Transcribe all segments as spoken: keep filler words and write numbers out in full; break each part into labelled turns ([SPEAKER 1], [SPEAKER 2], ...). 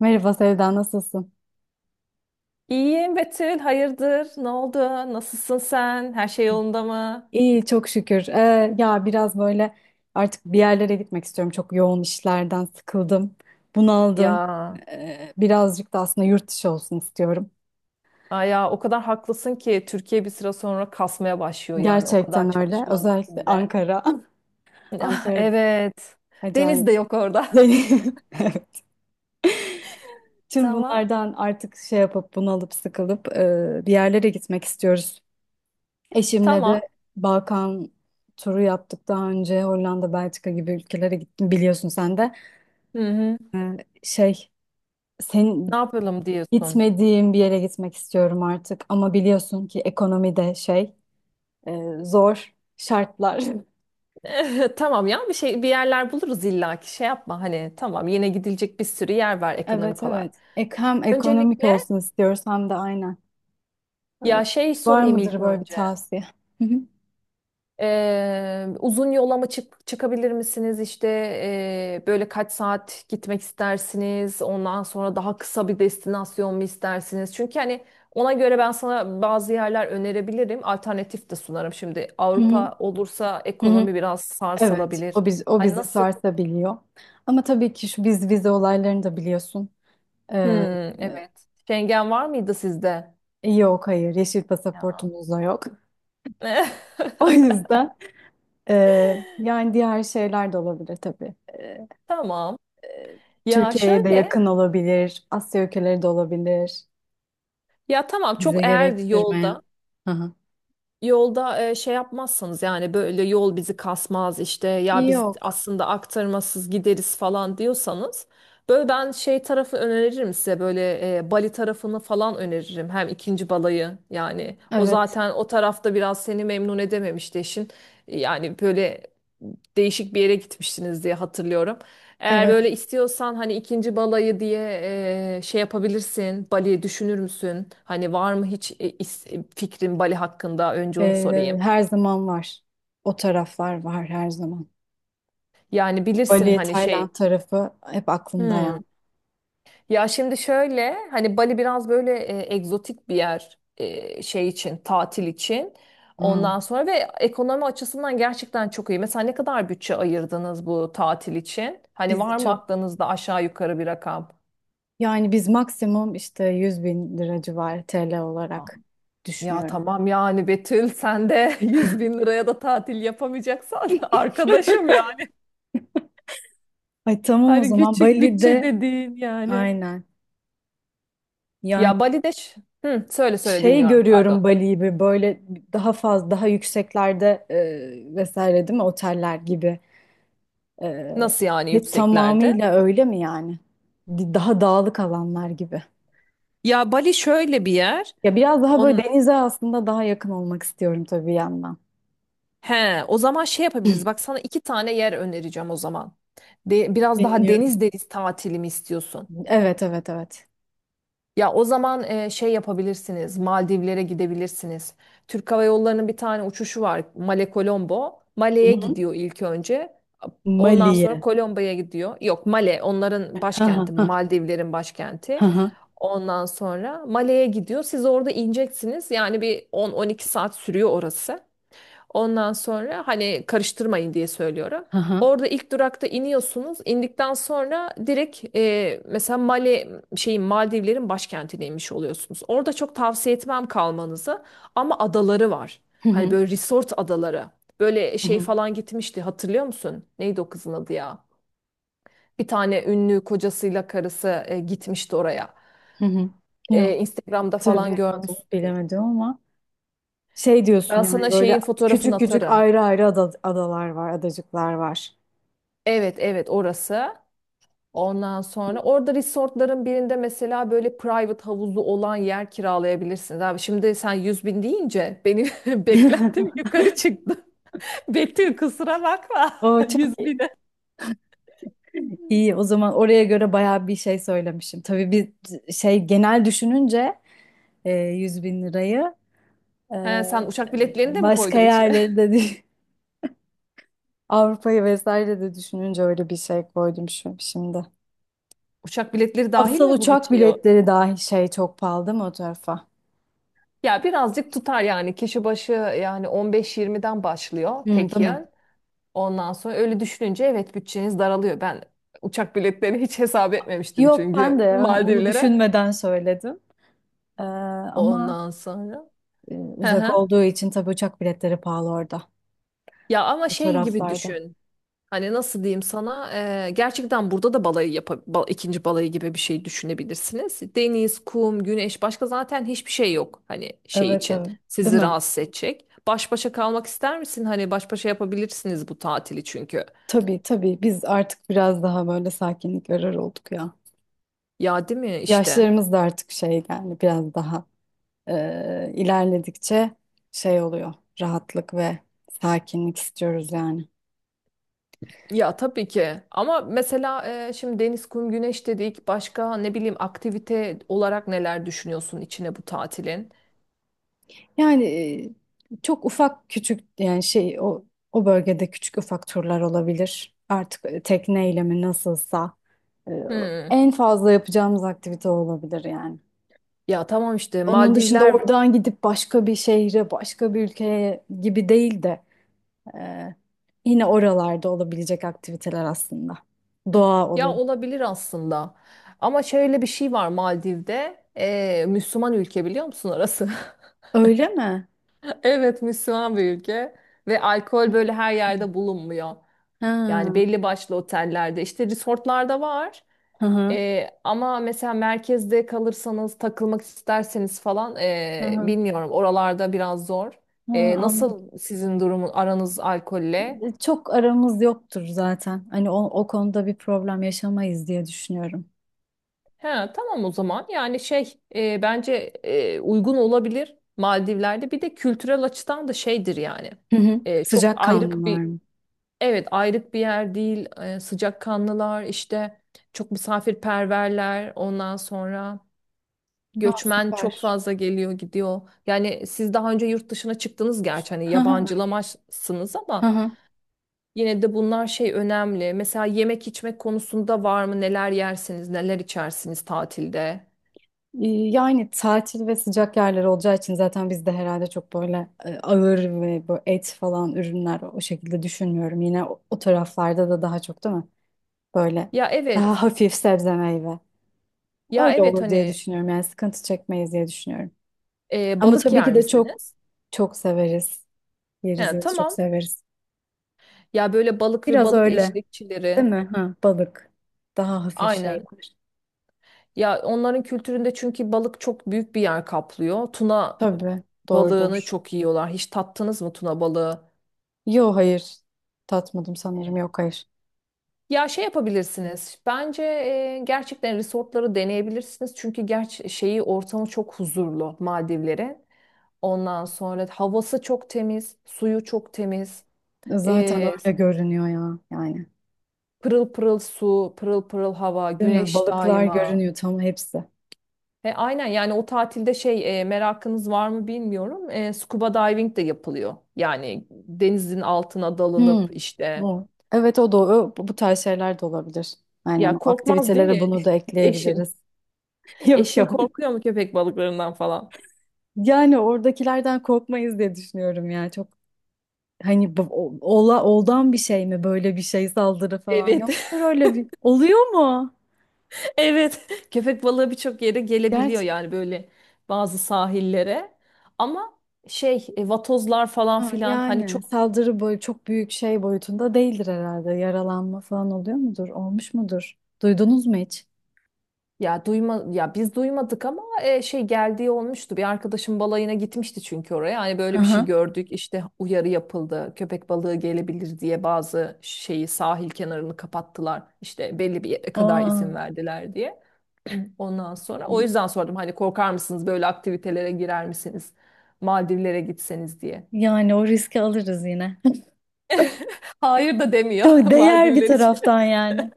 [SPEAKER 1] Merhaba Sevda, nasılsın?
[SPEAKER 2] İyiyim Betül, hayırdır? Ne oldu? Nasılsın sen? Her şey yolunda mı?
[SPEAKER 1] İyi, çok şükür. Ee, ya biraz böyle artık bir yerlere gitmek istiyorum. Çok yoğun işlerden sıkıldım, bunaldım.
[SPEAKER 2] Ya,
[SPEAKER 1] Ee, birazcık da aslında yurt dışı olsun istiyorum.
[SPEAKER 2] ay ya o kadar haklısın ki Türkiye bir süre sonra kasmaya başlıyor yani o kadar
[SPEAKER 1] Gerçekten öyle.
[SPEAKER 2] çalışmanın
[SPEAKER 1] Özellikle
[SPEAKER 2] içinde.
[SPEAKER 1] Ankara.
[SPEAKER 2] Ah,
[SPEAKER 1] Ankara'da
[SPEAKER 2] evet. Deniz
[SPEAKER 1] acayip.
[SPEAKER 2] de yok orada.
[SPEAKER 1] Evet. Tüm
[SPEAKER 2] Tamam.
[SPEAKER 1] bunlardan artık şey yapıp bunalıp sıkılıp e, bir yerlere gitmek istiyoruz. Eşimle de
[SPEAKER 2] Tamam.
[SPEAKER 1] Balkan turu yaptık daha önce. Hollanda, Belçika gibi ülkelere gittim biliyorsun sen de.
[SPEAKER 2] Hı hı.
[SPEAKER 1] Ee, şey, sen
[SPEAKER 2] Ne yapalım diyorsun?
[SPEAKER 1] gitmediğim bir yere gitmek istiyorum artık ama biliyorsun ki ekonomi de şey e, zor şartlar.
[SPEAKER 2] Tamam ya bir şey bir yerler buluruz illaki şey yapma hani tamam yine gidilecek bir sürü yer var
[SPEAKER 1] Evet,
[SPEAKER 2] ekonomik olarak.
[SPEAKER 1] evet. Ek hem ekonomik
[SPEAKER 2] Öncelikle
[SPEAKER 1] olsun istiyoruz hem de aynen. Ee,
[SPEAKER 2] ya şey
[SPEAKER 1] Var
[SPEAKER 2] sorayım ilk
[SPEAKER 1] mıdır böyle bir
[SPEAKER 2] önce.
[SPEAKER 1] tavsiye? Hı hı,
[SPEAKER 2] Eee, uzun yola mı çık çıkabilir misiniz? İşte eee, böyle kaç saat gitmek istersiniz? Ondan sonra daha kısa bir destinasyon mu istersiniz? Çünkü hani ona göre ben sana bazı yerler önerebilirim. Alternatif de sunarım. Şimdi
[SPEAKER 1] hı hı,
[SPEAKER 2] Avrupa olursa
[SPEAKER 1] hı
[SPEAKER 2] ekonomi
[SPEAKER 1] hı.
[SPEAKER 2] biraz
[SPEAKER 1] Evet,
[SPEAKER 2] sarsılabilir.
[SPEAKER 1] o biz o
[SPEAKER 2] Hani
[SPEAKER 1] bizi
[SPEAKER 2] nasıl?
[SPEAKER 1] sarsabiliyor. Ama tabii ki şu biz vize olaylarını da biliyorsun.
[SPEAKER 2] Hmm,
[SPEAKER 1] Ee,
[SPEAKER 2] evet. Schengen var mıydı sizde?
[SPEAKER 1] e, yok, hayır, yeşil
[SPEAKER 2] Ya.
[SPEAKER 1] pasaportumuz da yok. O yüzden e, yani diğer şeyler de olabilir tabii. E,
[SPEAKER 2] Tamam. Ya
[SPEAKER 1] Türkiye'ye de
[SPEAKER 2] şöyle.
[SPEAKER 1] yakın olabilir, Asya ülkeleri de olabilir.
[SPEAKER 2] Ya tamam
[SPEAKER 1] Vize
[SPEAKER 2] çok eğer
[SPEAKER 1] gerektirmeyen.
[SPEAKER 2] yolda.
[SPEAKER 1] Hı hı.
[SPEAKER 2] Yolda e, şey yapmazsanız yani böyle yol bizi kasmaz işte ya biz
[SPEAKER 1] Yok.
[SPEAKER 2] aslında aktarmasız gideriz falan diyorsanız böyle ben şey tarafı öneririm size böyle e, Bali tarafını falan öneririm hem ikinci balayı yani o
[SPEAKER 1] Evet.
[SPEAKER 2] zaten o tarafta biraz seni memnun edememişti eşin yani böyle değişik bir yere gitmiştiniz diye hatırlıyorum. Eğer
[SPEAKER 1] Evet.
[SPEAKER 2] böyle istiyorsan hani ikinci balayı diye e, şey yapabilirsin. Bali düşünür müsün? Hani var mı hiç e, is- e, fikrin Bali hakkında? Önce onu
[SPEAKER 1] Ee,
[SPEAKER 2] sorayım.
[SPEAKER 1] her zaman var. O taraflar var her zaman.
[SPEAKER 2] Yani bilirsin
[SPEAKER 1] Bali,
[SPEAKER 2] hani
[SPEAKER 1] Tayland
[SPEAKER 2] şey.
[SPEAKER 1] tarafı hep aklımda
[SPEAKER 2] Hmm.
[SPEAKER 1] yani.
[SPEAKER 2] Ya şimdi şöyle hani Bali biraz böyle e, egzotik bir yer e, şey için tatil için.
[SPEAKER 1] Hı.
[SPEAKER 2] Ondan sonra ve ekonomi açısından gerçekten çok iyi. Mesela ne kadar bütçe ayırdınız bu tatil için? Hani
[SPEAKER 1] Bizi
[SPEAKER 2] var mı
[SPEAKER 1] çok
[SPEAKER 2] aklınızda aşağı yukarı bir rakam?
[SPEAKER 1] yani biz maksimum işte yüz bin lira civarı T L olarak
[SPEAKER 2] Ya
[SPEAKER 1] düşünüyorum.
[SPEAKER 2] tamam yani Betül sen de yüz bin liraya da tatil yapamayacaksan arkadaşım yani.
[SPEAKER 1] Ay tamam, o
[SPEAKER 2] Hani
[SPEAKER 1] zaman
[SPEAKER 2] küçük bütçe
[SPEAKER 1] Bali'de
[SPEAKER 2] dediğin yani.
[SPEAKER 1] aynen. Yani
[SPEAKER 2] Ya Bali'de ş- hı, söyle söyle
[SPEAKER 1] şey
[SPEAKER 2] dinliyorum pardon.
[SPEAKER 1] görüyorum, Bali gibi böyle daha fazla daha yükseklerde e, vesaire değil mi, oteller gibi. E,
[SPEAKER 2] Nasıl yani
[SPEAKER 1] he-
[SPEAKER 2] yükseklerde?
[SPEAKER 1] tamamıyla öyle mi yani? Di- Daha dağlık alanlar gibi.
[SPEAKER 2] Ya Bali şöyle bir yer.
[SPEAKER 1] Ya biraz daha
[SPEAKER 2] On...
[SPEAKER 1] böyle denize aslında daha yakın olmak istiyorum tabii bir yandan.
[SPEAKER 2] He, o zaman şey yapabiliriz. Bak sana iki tane yer önereceğim o zaman. De, biraz daha
[SPEAKER 1] Dinliyorum.
[SPEAKER 2] deniz deniz tatili mi istiyorsun?
[SPEAKER 1] Evet, evet, evet.
[SPEAKER 2] Ya o zaman e, şey yapabilirsiniz. Maldivlere gidebilirsiniz. Türk Hava Yolları'nın bir tane uçuşu var. Male Colombo.
[SPEAKER 1] Hı
[SPEAKER 2] Male'ye
[SPEAKER 1] hı.
[SPEAKER 2] gidiyor ilk önce. Ondan
[SPEAKER 1] Mali'ye.
[SPEAKER 2] sonra Colombo'ya gidiyor. Yok, Male onların
[SPEAKER 1] Ha ha
[SPEAKER 2] başkenti.
[SPEAKER 1] ha,
[SPEAKER 2] Maldivlerin
[SPEAKER 1] ha
[SPEAKER 2] başkenti.
[SPEAKER 1] ha.
[SPEAKER 2] Ondan sonra Male'ye gidiyor. Siz orada ineceksiniz. Yani bir on on iki saat sürüyor orası. Ondan sonra hani karıştırmayın diye söylüyorum.
[SPEAKER 1] Hı hı.
[SPEAKER 2] Orada ilk durakta iniyorsunuz. İndikten sonra direkt e, mesela Mali, şeyin Maldivlerin başkentine inmiş oluyorsunuz. Orada çok tavsiye etmem kalmanızı ama adaları var.
[SPEAKER 1] Hı
[SPEAKER 2] Hani
[SPEAKER 1] hı.
[SPEAKER 2] böyle resort adaları. Böyle
[SPEAKER 1] Hı
[SPEAKER 2] şey
[SPEAKER 1] hı.
[SPEAKER 2] falan gitmişti hatırlıyor musun? Neydi o kızın adı ya? Bir tane ünlü kocasıyla karısı e, gitmişti oraya.
[SPEAKER 1] Hı
[SPEAKER 2] E, Instagram'da falan
[SPEAKER 1] hatırlayamadım,
[SPEAKER 2] görmüşsündür.
[SPEAKER 1] bilemedim ama. Şey diyorsun
[SPEAKER 2] Ben
[SPEAKER 1] yani,
[SPEAKER 2] sana
[SPEAKER 1] böyle
[SPEAKER 2] şeyin fotoğrafını
[SPEAKER 1] küçük küçük
[SPEAKER 2] atarım.
[SPEAKER 1] ayrı ayrı ada- adalar var, adacıklar var.
[SPEAKER 2] Evet, evet, orası. Ondan sonra orada resortların birinde mesela böyle private havuzlu olan yer kiralayabilirsiniz. Abi şimdi sen yüz bin deyince benim beklentim yukarı çıktı. Betül kusura bakma,
[SPEAKER 1] O
[SPEAKER 2] yüz
[SPEAKER 1] çok iyi.
[SPEAKER 2] bine.
[SPEAKER 1] İyi, o zaman oraya göre bayağı bir şey söylemişim. Tabii bir şey genel düşününce e, yüz bin lirayı e,
[SPEAKER 2] He, sen uçak biletlerini de mi
[SPEAKER 1] başka
[SPEAKER 2] koydun içine?
[SPEAKER 1] yerleri de dü- Avrupa'yı vesaire de düşününce öyle bir şey koydum şu, şimdi.
[SPEAKER 2] Uçak biletleri dahil
[SPEAKER 1] Asıl
[SPEAKER 2] mi bu
[SPEAKER 1] uçak
[SPEAKER 2] bütçeye?
[SPEAKER 1] biletleri dahi şey çok pahalı değil mi o tarafa?
[SPEAKER 2] Ya birazcık tutar yani kişi başı yani on beş yirmiden başlıyor
[SPEAKER 1] Hı, değil
[SPEAKER 2] tek
[SPEAKER 1] mi?
[SPEAKER 2] yön. Ondan sonra öyle düşününce evet bütçeniz daralıyor. Ben uçak biletlerini hiç hesap etmemiştim
[SPEAKER 1] Yok, ben
[SPEAKER 2] çünkü
[SPEAKER 1] de hani onu
[SPEAKER 2] Maldivlere.
[SPEAKER 1] düşünmeden söyledim. Ee, ama
[SPEAKER 2] Ondan sonra.
[SPEAKER 1] E,
[SPEAKER 2] Hı
[SPEAKER 1] uzak
[SPEAKER 2] hı.
[SPEAKER 1] olduğu için tabii uçak biletleri pahalı orada.
[SPEAKER 2] Ya ama
[SPEAKER 1] Bu
[SPEAKER 2] şey gibi
[SPEAKER 1] taraflarda.
[SPEAKER 2] düşün. Hani nasıl diyeyim sana? Ee, gerçekten burada da balayı yap, ikinci balayı gibi bir şey düşünebilirsiniz. Deniz, kum, güneş başka zaten hiçbir şey yok. Hani şey
[SPEAKER 1] Evet,
[SPEAKER 2] için
[SPEAKER 1] evet. Değil
[SPEAKER 2] sizi
[SPEAKER 1] mi?
[SPEAKER 2] rahatsız edecek. Baş başa kalmak ister misin? Hani baş başa yapabilirsiniz bu tatili çünkü.
[SPEAKER 1] Tabii, tabii. Biz artık biraz daha böyle sakinlik arar olduk ya.
[SPEAKER 2] Ya değil mi işte?
[SPEAKER 1] Yaşlarımız da artık şey yani biraz daha e, ilerledikçe şey oluyor. Rahatlık ve sakinlik istiyoruz yani.
[SPEAKER 2] Ya tabii ki ama mesela e, şimdi deniz, kum, güneş dedik. Başka ne bileyim aktivite olarak neler düşünüyorsun içine bu tatilin?
[SPEAKER 1] Yani e, çok ufak küçük yani şey o o bölgede küçük ufak turlar olabilir. Artık tekneyle mi nasılsa e,
[SPEAKER 2] Hmm.
[SPEAKER 1] en fazla yapacağımız aktivite olabilir yani.
[SPEAKER 2] Ya tamam işte
[SPEAKER 1] Onun dışında
[SPEAKER 2] Maldivler
[SPEAKER 1] oradan gidip başka bir şehre, başka bir ülkeye gibi değil de e, yine oralarda olabilecek aktiviteler aslında. Doğa
[SPEAKER 2] ya
[SPEAKER 1] olur.
[SPEAKER 2] olabilir aslında. Ama şöyle bir şey var Maldiv'de. e, Müslüman ülke biliyor musun orası?
[SPEAKER 1] Öyle mi?
[SPEAKER 2] Evet, Müslüman bir ülke ve alkol böyle her yerde bulunmuyor. Yani
[SPEAKER 1] Ha,
[SPEAKER 2] belli başlı otellerde işte resortlarda var.
[SPEAKER 1] hı hı,
[SPEAKER 2] Ee, ama mesela merkezde kalırsanız takılmak isterseniz falan
[SPEAKER 1] hı
[SPEAKER 2] ee,
[SPEAKER 1] hı.
[SPEAKER 2] bilmiyorum, oralarda biraz zor.
[SPEAKER 1] Ha,
[SPEAKER 2] Ee,
[SPEAKER 1] anladım.
[SPEAKER 2] nasıl sizin durumun aranız alkolle?
[SPEAKER 1] E, Çok aramız yoktur zaten. Hani o, o konuda bir problem yaşamayız diye düşünüyorum.
[SPEAKER 2] He, tamam o zaman yani şey ee, bence ee, uygun olabilir Maldivler'de bir de kültürel açıdan da şeydir yani.
[SPEAKER 1] Hı hı.
[SPEAKER 2] Ee, çok
[SPEAKER 1] Sıcak
[SPEAKER 2] ayrık
[SPEAKER 1] kanlılar
[SPEAKER 2] bir,
[SPEAKER 1] mı?
[SPEAKER 2] evet, ayrık bir yer değil. Ee, sıcakkanlılar işte, çok misafirperverler ondan sonra.
[SPEAKER 1] Aa,
[SPEAKER 2] Göçmen çok
[SPEAKER 1] süper.
[SPEAKER 2] fazla geliyor gidiyor. Yani siz daha önce yurt dışına çıktınız gerçi hani
[SPEAKER 1] Hı hı,
[SPEAKER 2] yabancılamazsınız
[SPEAKER 1] hı
[SPEAKER 2] ama
[SPEAKER 1] hı.
[SPEAKER 2] yine de bunlar şey önemli. Mesela yemek içmek konusunda var mı? Neler yersiniz, neler içersiniz tatilde?
[SPEAKER 1] Ee, yani tatil ve sıcak yerler olacağı için zaten biz de herhalde çok böyle e, ağır ve bu et falan ürünler o şekilde düşünmüyorum. Yine o, o taraflarda da daha çok değil mi? Böyle
[SPEAKER 2] Ya
[SPEAKER 1] daha
[SPEAKER 2] evet.
[SPEAKER 1] hafif sebze meyve.
[SPEAKER 2] Ya
[SPEAKER 1] Öyle
[SPEAKER 2] evet
[SPEAKER 1] olur diye
[SPEAKER 2] hani
[SPEAKER 1] düşünüyorum. Yani sıkıntı çekmeyiz diye düşünüyorum.
[SPEAKER 2] e,
[SPEAKER 1] Ama
[SPEAKER 2] balık
[SPEAKER 1] tabii ki
[SPEAKER 2] yer
[SPEAKER 1] de çok
[SPEAKER 2] misiniz?
[SPEAKER 1] çok severiz. Yeriz
[SPEAKER 2] Ha,
[SPEAKER 1] yeriz çok
[SPEAKER 2] tamam.
[SPEAKER 1] severiz.
[SPEAKER 2] Ya böyle balık ve
[SPEAKER 1] Biraz
[SPEAKER 2] balık
[SPEAKER 1] öyle
[SPEAKER 2] eşlikçileri.
[SPEAKER 1] değil mi? Ha, balık. Daha hafif
[SPEAKER 2] Aynen.
[SPEAKER 1] şeyler.
[SPEAKER 2] Ya onların kültüründe çünkü balık çok büyük bir yer kaplıyor. Tuna
[SPEAKER 1] Tabii
[SPEAKER 2] balığını
[SPEAKER 1] doğrudur.
[SPEAKER 2] çok yiyorlar. Hiç tattınız mı tuna balığı?
[SPEAKER 1] Yok, hayır. Tatmadım sanırım. Yok, hayır.
[SPEAKER 2] Ya şey yapabilirsiniz. Bence e, gerçekten resortları deneyebilirsiniz. Çünkü gerçi şeyi ortamı çok huzurlu Maldivlerin. Ondan sonra havası çok temiz, suyu çok temiz.
[SPEAKER 1] Zaten
[SPEAKER 2] E,
[SPEAKER 1] öyle görünüyor ya yani.
[SPEAKER 2] Pırıl pırıl su, pırıl pırıl hava,
[SPEAKER 1] Değil mi?
[SPEAKER 2] güneş
[SPEAKER 1] Balıklar
[SPEAKER 2] daima.
[SPEAKER 1] görünüyor tam hepsi.
[SPEAKER 2] E, aynen yani o tatilde şey e, merakınız var mı bilmiyorum. E, scuba diving de yapılıyor. Yani denizin altına
[SPEAKER 1] Hmm.
[SPEAKER 2] dalınıp işte
[SPEAKER 1] O. Evet, o da o, bu bu tarz şeyler de olabilir. Aynen
[SPEAKER 2] ya
[SPEAKER 1] o
[SPEAKER 2] korkmaz değil
[SPEAKER 1] aktivitelere
[SPEAKER 2] mi
[SPEAKER 1] bunu da
[SPEAKER 2] eşin?
[SPEAKER 1] ekleyebiliriz. Yok,
[SPEAKER 2] Eşin
[SPEAKER 1] yok.
[SPEAKER 2] korkuyor mu köpek balıklarından falan?
[SPEAKER 1] Yani oradakilerden korkmayız diye düşünüyorum ya. Çok hani bu- o- ola oldan bir şey mi, böyle bir şey saldırı falan
[SPEAKER 2] Evet.
[SPEAKER 1] yoktur öyle bir. Oluyor mu?
[SPEAKER 2] Evet. Köpek balığı birçok yere gelebiliyor
[SPEAKER 1] Gerçi
[SPEAKER 2] yani böyle bazı sahillere. Ama şey e, vatozlar falan
[SPEAKER 1] ha,
[SPEAKER 2] filan hani
[SPEAKER 1] yani
[SPEAKER 2] çok.
[SPEAKER 1] saldırı boyu çok büyük şey boyutunda değildir herhalde. Yaralanma falan oluyor mudur? Olmuş mudur? Duydunuz mu hiç?
[SPEAKER 2] Ya duyma ya biz duymadık ama e, şey geldiği olmuştu. Bir arkadaşım balayına gitmişti çünkü oraya. Hani böyle bir şey gördük. İşte uyarı yapıldı. Köpek balığı gelebilir diye bazı şeyi sahil kenarını kapattılar. İşte belli bir yere kadar
[SPEAKER 1] Aa,
[SPEAKER 2] izin verdiler diye. Ondan sonra o yüzden sordum hani korkar mısınız böyle aktivitelere girer misiniz? Maldivlere gitseniz diye.
[SPEAKER 1] yani o riski alırız yine.
[SPEAKER 2] Hayır da demiyor
[SPEAKER 1] Çok değer bir
[SPEAKER 2] Maldivler için.
[SPEAKER 1] taraftan yani.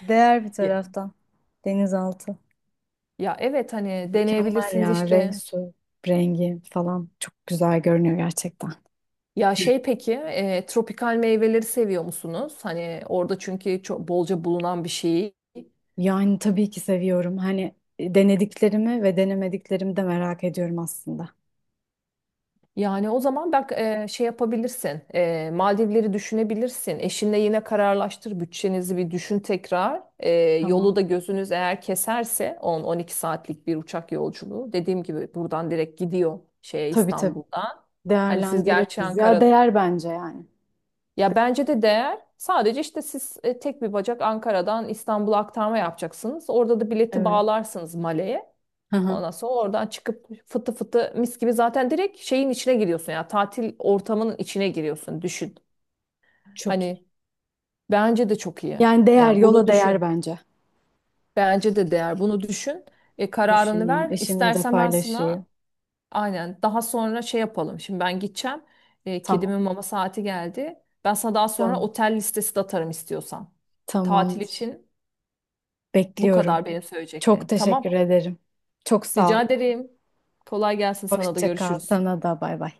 [SPEAKER 1] Değer bir
[SPEAKER 2] Ya,
[SPEAKER 1] taraftan. Denizaltı.
[SPEAKER 2] ya evet hani
[SPEAKER 1] Mükemmel
[SPEAKER 2] deneyebilirsiniz
[SPEAKER 1] ya, renk,
[SPEAKER 2] işte.
[SPEAKER 1] su rengi falan çok güzel görünüyor gerçekten.
[SPEAKER 2] Ya şey peki, e, tropikal meyveleri seviyor musunuz? Hani orada çünkü çok bolca bulunan bir şey.
[SPEAKER 1] Yani tabii ki seviyorum. Hani e, denediklerimi ve denemediklerimi de merak ediyorum aslında.
[SPEAKER 2] Yani o zaman bak e, şey yapabilirsin. E, Maldivleri düşünebilirsin. Eşinle yine kararlaştır. Bütçenizi bir düşün tekrar. E, yolu
[SPEAKER 1] Tamam.
[SPEAKER 2] da gözünüz eğer keserse on on iki saatlik bir uçak yolculuğu. Dediğim gibi buradan direkt gidiyor şeye
[SPEAKER 1] Tabii, tabii.
[SPEAKER 2] İstanbul'dan. Hani siz gerçi
[SPEAKER 1] Değerlendiririz. Ya
[SPEAKER 2] Ankara.
[SPEAKER 1] değer bence yani.
[SPEAKER 2] Ya bence de değer. Sadece işte siz e, tek bir bacak Ankara'dan İstanbul'a aktarma yapacaksınız. Orada da bileti
[SPEAKER 1] Evet.
[SPEAKER 2] bağlarsınız Male'ye.
[SPEAKER 1] Hı hı.
[SPEAKER 2] Ondan sonra oradan çıkıp fıtı fıtı mis gibi zaten direkt şeyin içine giriyorsun ya tatil ortamının içine giriyorsun düşün.
[SPEAKER 1] Çok iyi.
[SPEAKER 2] Hani bence de çok iyi.
[SPEAKER 1] Yani değer,
[SPEAKER 2] Yani bunu
[SPEAKER 1] yola değer
[SPEAKER 2] düşün.
[SPEAKER 1] bence.
[SPEAKER 2] Bence de değer. Bunu düşün. E, kararını
[SPEAKER 1] Düşüneyim.
[SPEAKER 2] ver.
[SPEAKER 1] Eşimle de
[SPEAKER 2] İstersen ben sana.
[SPEAKER 1] paylaşayım.
[SPEAKER 2] Aynen. Daha sonra şey yapalım. Şimdi ben gideceğim. E,
[SPEAKER 1] Tamam.
[SPEAKER 2] kedimin mama saati geldi. Ben sana daha sonra
[SPEAKER 1] Tamam.
[SPEAKER 2] otel listesi de atarım istiyorsan. Tatil
[SPEAKER 1] Tamamdır.
[SPEAKER 2] için bu
[SPEAKER 1] Bekliyorum.
[SPEAKER 2] kadar benim
[SPEAKER 1] Çok
[SPEAKER 2] söyleyeceklerim.
[SPEAKER 1] teşekkür
[SPEAKER 2] Tamam.
[SPEAKER 1] ederim. Çok sağ ol.
[SPEAKER 2] Rica ederim. Kolay gelsin sana da
[SPEAKER 1] Hoşça kal.
[SPEAKER 2] görüşürüz.
[SPEAKER 1] Sana da bay bay.